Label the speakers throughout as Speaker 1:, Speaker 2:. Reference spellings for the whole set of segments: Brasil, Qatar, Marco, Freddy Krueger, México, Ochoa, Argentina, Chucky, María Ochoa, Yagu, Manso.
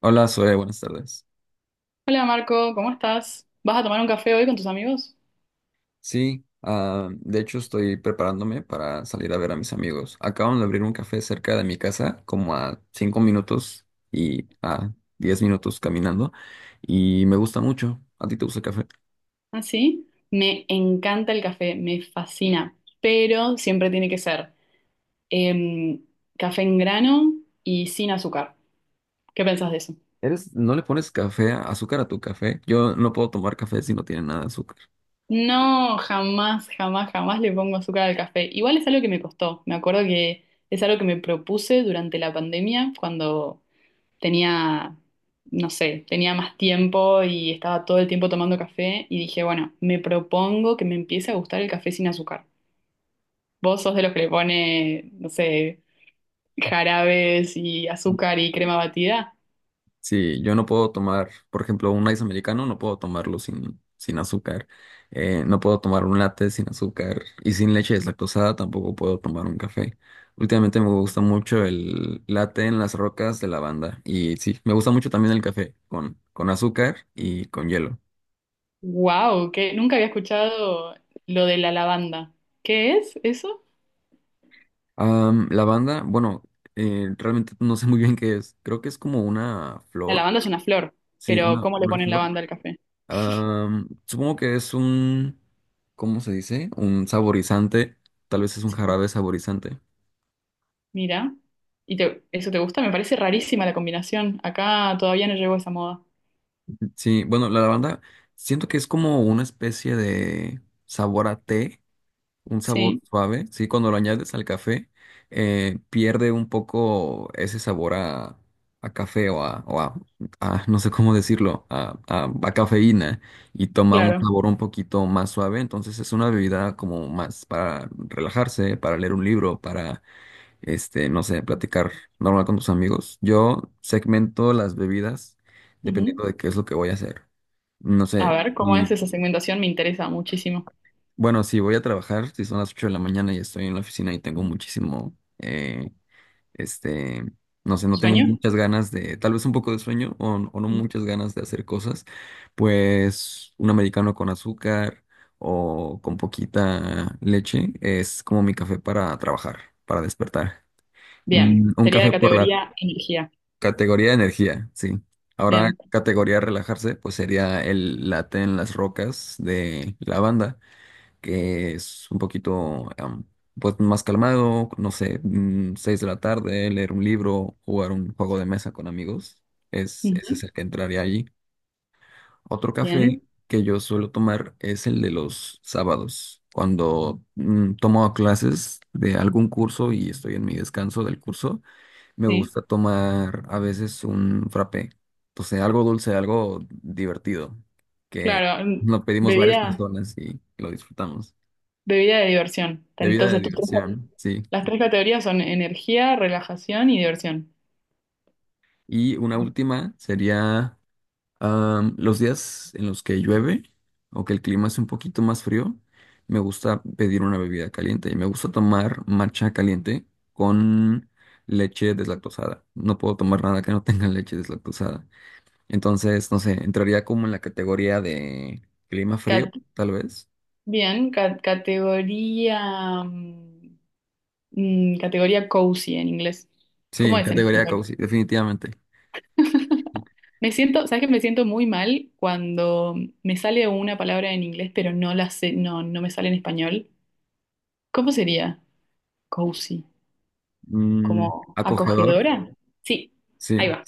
Speaker 1: Hola, Zoe, buenas tardes.
Speaker 2: Hola Marco, ¿cómo estás? ¿Vas a tomar un café hoy con tus amigos?
Speaker 1: Sí, de hecho estoy preparándome para salir a ver a mis amigos. Acaban de abrir un café cerca de mi casa, como a 5 minutos y a 10 minutos caminando, y me gusta mucho. ¿A ti te gusta el café?
Speaker 2: ¿Ah, sí? Me encanta el café, me fascina, pero siempre tiene que ser em, café en grano y sin azúcar. ¿Qué pensás de eso?
Speaker 1: ¿Eres, no le pones café, azúcar a tu café? Yo no puedo tomar café si no tiene nada de azúcar.
Speaker 2: No, jamás, jamás, jamás le pongo azúcar al café. Igual es algo que me costó. Me acuerdo que es algo que me propuse durante la pandemia cuando tenía, no sé, tenía más tiempo y estaba todo el tiempo tomando café y dije, bueno, me propongo que me empiece a gustar el café sin azúcar. ¿Vos sos de los que le pone, no sé, jarabes y azúcar y crema batida?
Speaker 1: Sí, yo no puedo tomar, por ejemplo, un ice americano, no puedo tomarlo sin azúcar. No puedo tomar un latte sin azúcar y sin leche deslactosada, tampoco puedo tomar un café. Últimamente me gusta mucho el latte en las rocas de lavanda y sí, me gusta mucho también el café con azúcar y con hielo.
Speaker 2: ¡Wow! Que nunca había escuchado lo de la lavanda. ¿Qué es eso?
Speaker 1: Lavanda, bueno, realmente no sé muy bien qué es. Creo que es como una
Speaker 2: La
Speaker 1: flor.
Speaker 2: lavanda es una flor,
Speaker 1: Sí,
Speaker 2: pero
Speaker 1: una,
Speaker 2: ¿cómo le
Speaker 1: una
Speaker 2: ponen
Speaker 1: flor.
Speaker 2: lavanda al café?
Speaker 1: Supongo que es un, ¿cómo se dice? Un saborizante, tal vez es un
Speaker 2: Sí,
Speaker 1: jarabe saborizante.
Speaker 2: mira. ¿Eso te gusta? Me parece rarísima la combinación. Acá todavía no llegó esa moda.
Speaker 1: Sí, bueno, la lavanda siento que es como una especie de sabor a té, un sabor
Speaker 2: Sí,
Speaker 1: suave, sí, cuando lo añades al café, pierde un poco ese sabor a café no sé cómo decirlo, a cafeína y toma un
Speaker 2: claro.
Speaker 1: sabor un poquito más suave, entonces es una bebida como más para relajarse, para leer un libro, para no sé, platicar normal con tus amigos. Yo segmento las bebidas
Speaker 2: Ujú.
Speaker 1: dependiendo de qué es lo que voy a hacer. No
Speaker 2: A
Speaker 1: sé,
Speaker 2: ver, ¿cómo es
Speaker 1: y
Speaker 2: esa segmentación? Me interesa muchísimo.
Speaker 1: bueno, si voy a trabajar, si son las 8 de la mañana y estoy en la oficina y tengo muchísimo, este, no sé, no tengo
Speaker 2: ¿Sueño?
Speaker 1: muchas ganas de, tal vez un poco de sueño o no muchas ganas de hacer cosas, pues un americano con azúcar o con poquita leche es como mi café para trabajar, para despertar.
Speaker 2: Bien.
Speaker 1: Mm, Un
Speaker 2: Sería la
Speaker 1: café por la
Speaker 2: categoría energía.
Speaker 1: Categoría de energía, sí. Ahora,
Speaker 2: Bien.
Speaker 1: categoría de relajarse, pues sería el late en las rocas de la banda, que es un poquito pues más calmado, no sé, 6 de la tarde, leer un libro, jugar un juego de mesa con amigos. Ese
Speaker 2: Ujú.
Speaker 1: es el que entraría allí. Otro café
Speaker 2: Bien.
Speaker 1: que yo suelo tomar es el de los sábados, cuando tomo clases de algún curso y estoy en mi descanso del curso. Me
Speaker 2: Sí.
Speaker 1: gusta tomar a veces un frappé. Entonces, algo dulce, algo divertido, que
Speaker 2: Claro.
Speaker 1: lo pedimos varias
Speaker 2: Bebida,
Speaker 1: personas y lo disfrutamos.
Speaker 2: bebida de diversión.
Speaker 1: Bebida de
Speaker 2: Entonces,
Speaker 1: diversión, sí.
Speaker 2: las tres categorías son energía, relajación y diversión.
Speaker 1: Y una última sería los días en los que llueve o que el clima es un poquito más frío. Me gusta pedir una bebida caliente y me gusta tomar matcha caliente con leche deslactosada. No puedo tomar nada que no tenga leche deslactosada. Entonces, no sé, entraría como en la categoría de clima frío,
Speaker 2: Cat-
Speaker 1: tal vez.
Speaker 2: Bien. Categoría. Categoría cozy en inglés.
Speaker 1: Sí,
Speaker 2: ¿Cómo es en
Speaker 1: categoría
Speaker 2: español?
Speaker 1: cozy, definitivamente.
Speaker 2: Me siento, ¿sabes que me siento muy mal cuando me sale una palabra en inglés, pero no la sé, no, no me sale en español? ¿Cómo sería? Cozy,
Speaker 1: Mm,
Speaker 2: como
Speaker 1: Acogedor,
Speaker 2: acogedora. Sí,
Speaker 1: sí,
Speaker 2: ahí va.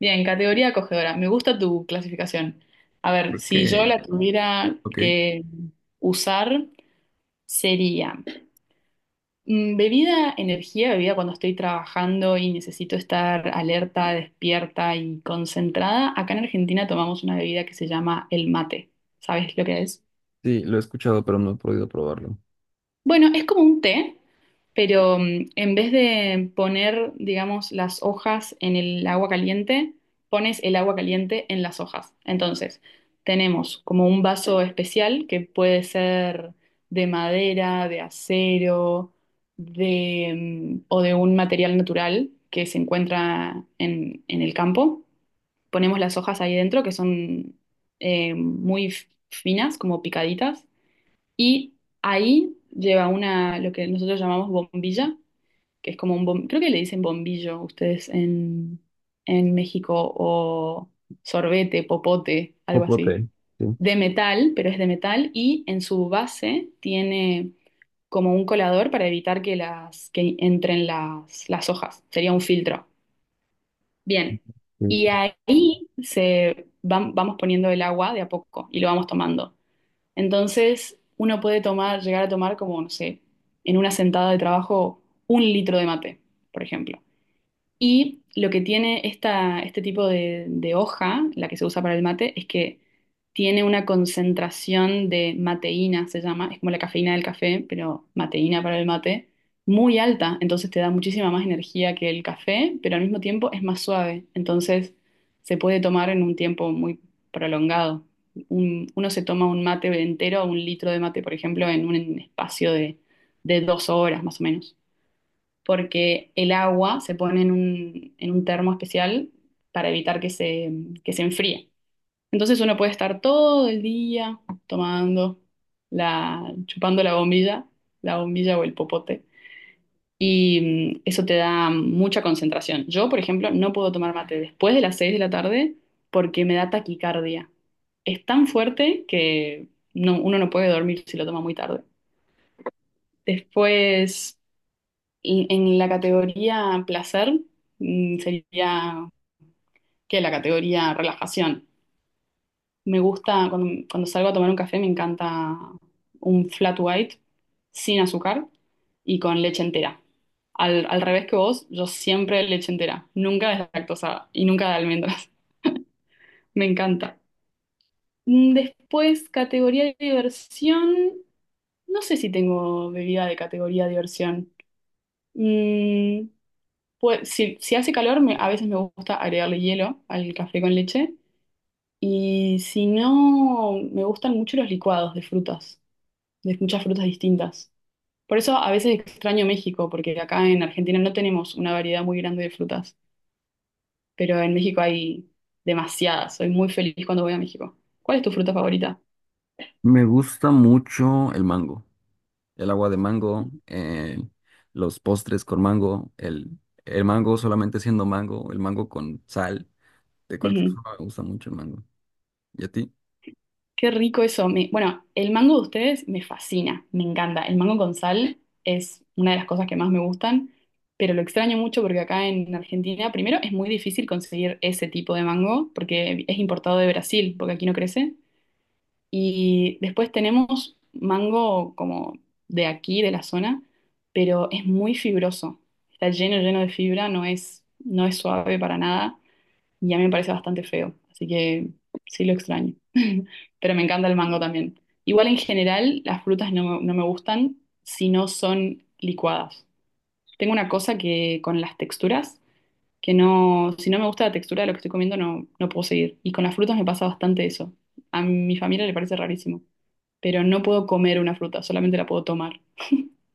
Speaker 2: Bien, categoría acogedora. Me gusta tu clasificación. A ver,
Speaker 1: creo
Speaker 2: si yo
Speaker 1: que,
Speaker 2: la tuviera
Speaker 1: ok.
Speaker 2: que usar, sería. Bebida, energía, bebida cuando estoy trabajando y necesito estar alerta, despierta y concentrada. Acá en Argentina tomamos una bebida que se llama el mate. ¿Sabes lo que es?
Speaker 1: Sí, lo he escuchado, pero no he podido probarlo.
Speaker 2: Bueno, es como un té, pero en vez de poner, digamos, las hojas en el agua caliente, pones el agua caliente en las hojas. Entonces, tenemos como un vaso especial que puede ser de madera, de acero, de, o de un material natural que se encuentra en el campo. Ponemos las hojas ahí dentro, que son muy finas, como picaditas y ahí lleva una, lo que nosotros llamamos bombilla, que es como un creo que le dicen bombillo ustedes en México, o sorbete, popote, algo así,
Speaker 1: Popote, sí.
Speaker 2: de metal, pero es de metal, y en su base tiene como un colador para evitar que que entren las hojas. Sería un filtro. Bien.
Speaker 1: Sí.
Speaker 2: Y ahí vamos poniendo el agua de a poco y lo vamos tomando. Entonces, uno puede tomar, llegar a tomar como, no sé, en una sentada de trabajo, un litro de mate, por ejemplo. Y lo que tiene esta, este tipo de hoja, la que se usa para el mate, es que tiene una concentración de mateína, se llama, es como la cafeína del café, pero mateína para el mate, muy alta, entonces te da muchísima más energía que el café, pero al mismo tiempo es más suave, entonces se puede tomar en un tiempo muy prolongado. Uno se toma un mate entero, un litro de mate, por ejemplo, en un espacio de dos horas más o menos porque el agua se pone en un termo especial para evitar que que se enfríe. Entonces uno puede estar todo el día tomando la, chupando la bombilla o el popote, y eso te da mucha concentración. Yo, por ejemplo, no puedo tomar mate después de las 6 de la tarde porque me da taquicardia. Es tan fuerte que uno no puede dormir si lo toma muy tarde. Después, y en la categoría placer, sería que la categoría relajación. Me gusta, cuando, cuando salgo a tomar un café, me encanta un flat white sin azúcar y con leche entera. Al, al revés que vos, yo siempre leche entera, nunca deslactosada y nunca de almendras. Me encanta. Después, categoría de diversión. No sé si tengo bebida de categoría de diversión. Mm, Pues, si, si hace calor, a veces me gusta agregarle hielo al café con leche. Y si no, me gustan mucho los licuados de frutas, de muchas frutas distintas. Por eso a veces extraño México, porque acá en Argentina no tenemos una variedad muy grande de frutas, pero en México hay demasiadas. Soy muy feliz cuando voy a México. ¿Cuál es tu fruta favorita?
Speaker 1: Me gusta mucho el mango, el agua de mango, los postres con mango, el mango solamente siendo mango, el mango con sal, de cualquier
Speaker 2: Ujú.
Speaker 1: forma me gusta mucho el mango. ¿Y a ti?
Speaker 2: Qué rico eso. Bueno, el mango de ustedes me fascina, me encanta. El mango con sal es una de las cosas que más me gustan, pero lo extraño mucho porque acá en Argentina, primero, es muy difícil conseguir ese tipo de mango porque es importado de Brasil, porque aquí no crece. Y después tenemos mango como de aquí, de la zona, pero es muy fibroso. Está lleno, lleno de fibra, no es suave para nada y a mí me parece bastante feo, así que sí lo extraño. Pero me encanta el mango también. Igual en general las frutas no, no me gustan si no son licuadas. Tengo una cosa que con las texturas, que no, si no me gusta la textura de lo que estoy comiendo no, no puedo seguir. Y con las frutas me pasa bastante eso. A mi familia le parece rarísimo, pero no puedo comer una fruta, solamente la puedo tomar.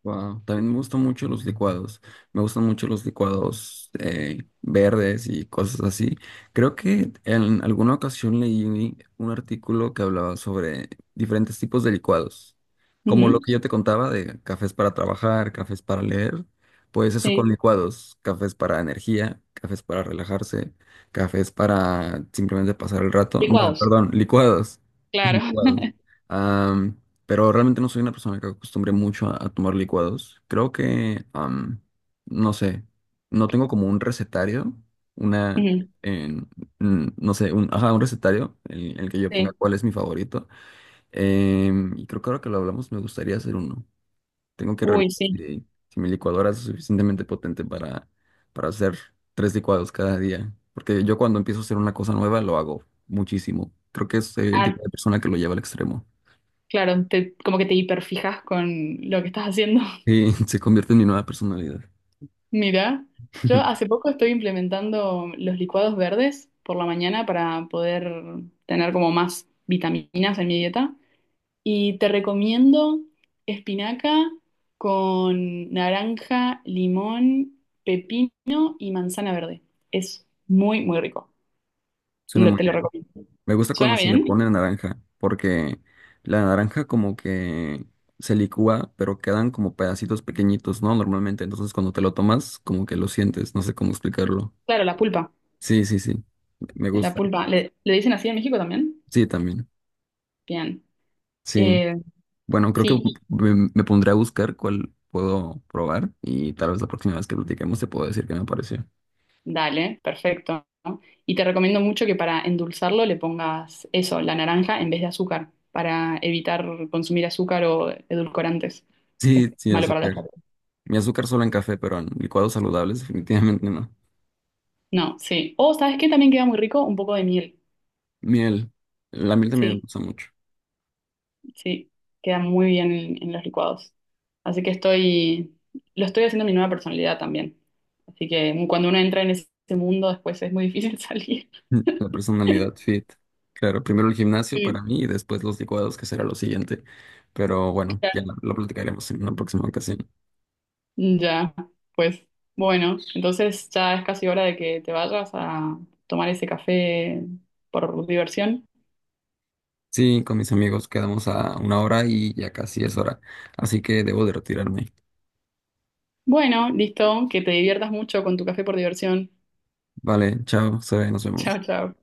Speaker 1: Wow. También me gustan mucho los licuados. Me gustan mucho los licuados verdes y cosas así. Creo que en alguna ocasión leí un artículo que hablaba sobre diferentes tipos de licuados. Como lo
Speaker 2: Ujú,
Speaker 1: que yo te contaba de cafés para trabajar, cafés para leer. Pues eso con
Speaker 2: sí,
Speaker 1: licuados. Cafés para energía, cafés para relajarse, cafés para simplemente pasar el rato. No,
Speaker 2: licuados,
Speaker 1: perdón, licuados.
Speaker 2: claro.
Speaker 1: Licuados. Pero realmente no soy una persona que acostumbre mucho a tomar licuados. Creo que, no sé, no tengo como un recetario, una,
Speaker 2: Ujú,
Speaker 1: en- no sé, ajá, un recetario en el que yo ponga
Speaker 2: sí,
Speaker 1: cuál es mi favorito. Y creo que ahora que lo hablamos me gustaría hacer uno. Tengo que
Speaker 2: uy,
Speaker 1: revisar
Speaker 2: sí.
Speaker 1: si mi licuadora es suficientemente potente para, hacer tres licuados cada día. Porque yo cuando empiezo a hacer una cosa nueva lo hago muchísimo. Creo que soy el
Speaker 2: Ah,
Speaker 1: tipo de persona que lo lleva al extremo.
Speaker 2: claro, como que te hiperfijas con lo que estás haciendo.
Speaker 1: Sí, se convierte en mi nueva personalidad.
Speaker 2: Mira, yo hace poco estoy implementando los licuados verdes por la mañana para poder tener como más vitaminas en mi dieta. Y te recomiendo espinaca con naranja, limón, pepino y manzana verde. Es muy, muy rico.
Speaker 1: Suena muy
Speaker 2: Te lo
Speaker 1: bien.
Speaker 2: recomiendo.
Speaker 1: Me gusta cuando
Speaker 2: ¿Suena
Speaker 1: se le
Speaker 2: bien?
Speaker 1: pone naranja, porque la naranja como que se licúa, pero quedan como pedacitos pequeñitos, ¿no? Normalmente, entonces cuando te lo tomas, como que lo sientes, no sé cómo explicarlo.
Speaker 2: Claro, la pulpa.
Speaker 1: Sí, sí, sí, me
Speaker 2: La
Speaker 1: gusta.
Speaker 2: pulpa. ¿Le, le dicen así en México también?
Speaker 1: Sí, también.
Speaker 2: Bien.
Speaker 1: Sí.
Speaker 2: Eh,
Speaker 1: Bueno, creo que
Speaker 2: sí,
Speaker 1: me pondré a buscar cuál puedo probar y tal vez la próxima vez que platiquemos te puedo decir qué me pareció.
Speaker 2: dale, perfecto. Y te recomiendo mucho que para endulzarlo le pongas eso, la naranja en vez de azúcar, para evitar consumir azúcar o edulcorantes, que es
Speaker 1: Sí, sin
Speaker 2: malo para la
Speaker 1: azúcar.
Speaker 2: salud.
Speaker 1: Mi azúcar solo en café, pero en licuados saludables definitivamente no.
Speaker 2: No, sí. O, ¿sabes qué? También queda muy rico un poco de miel.
Speaker 1: Miel. La miel también me
Speaker 2: Sí,
Speaker 1: gusta mucho.
Speaker 2: sí, queda muy bien en los licuados. Así que estoy, lo estoy haciendo mi nueva personalidad también. Así que cuando uno entra en ese mundo, después es muy difícil salir.
Speaker 1: Mm. La personalidad fit. Claro, primero el gimnasio para
Speaker 2: Sí.
Speaker 1: mí y después los licuados, que será lo siguiente. Pero bueno, ya lo platicaremos en una próxima ocasión.
Speaker 2: Ya, pues bueno, entonces ya es casi hora de que te vayas a tomar ese café por diversión.
Speaker 1: Sí, con mis amigos quedamos a una hora y ya casi es hora. Así que debo de retirarme.
Speaker 2: Bueno, listo, que te diviertas mucho con tu café por diversión.
Speaker 1: Vale, chao, Zoe, nos
Speaker 2: Chao,
Speaker 1: vemos.
Speaker 2: chao.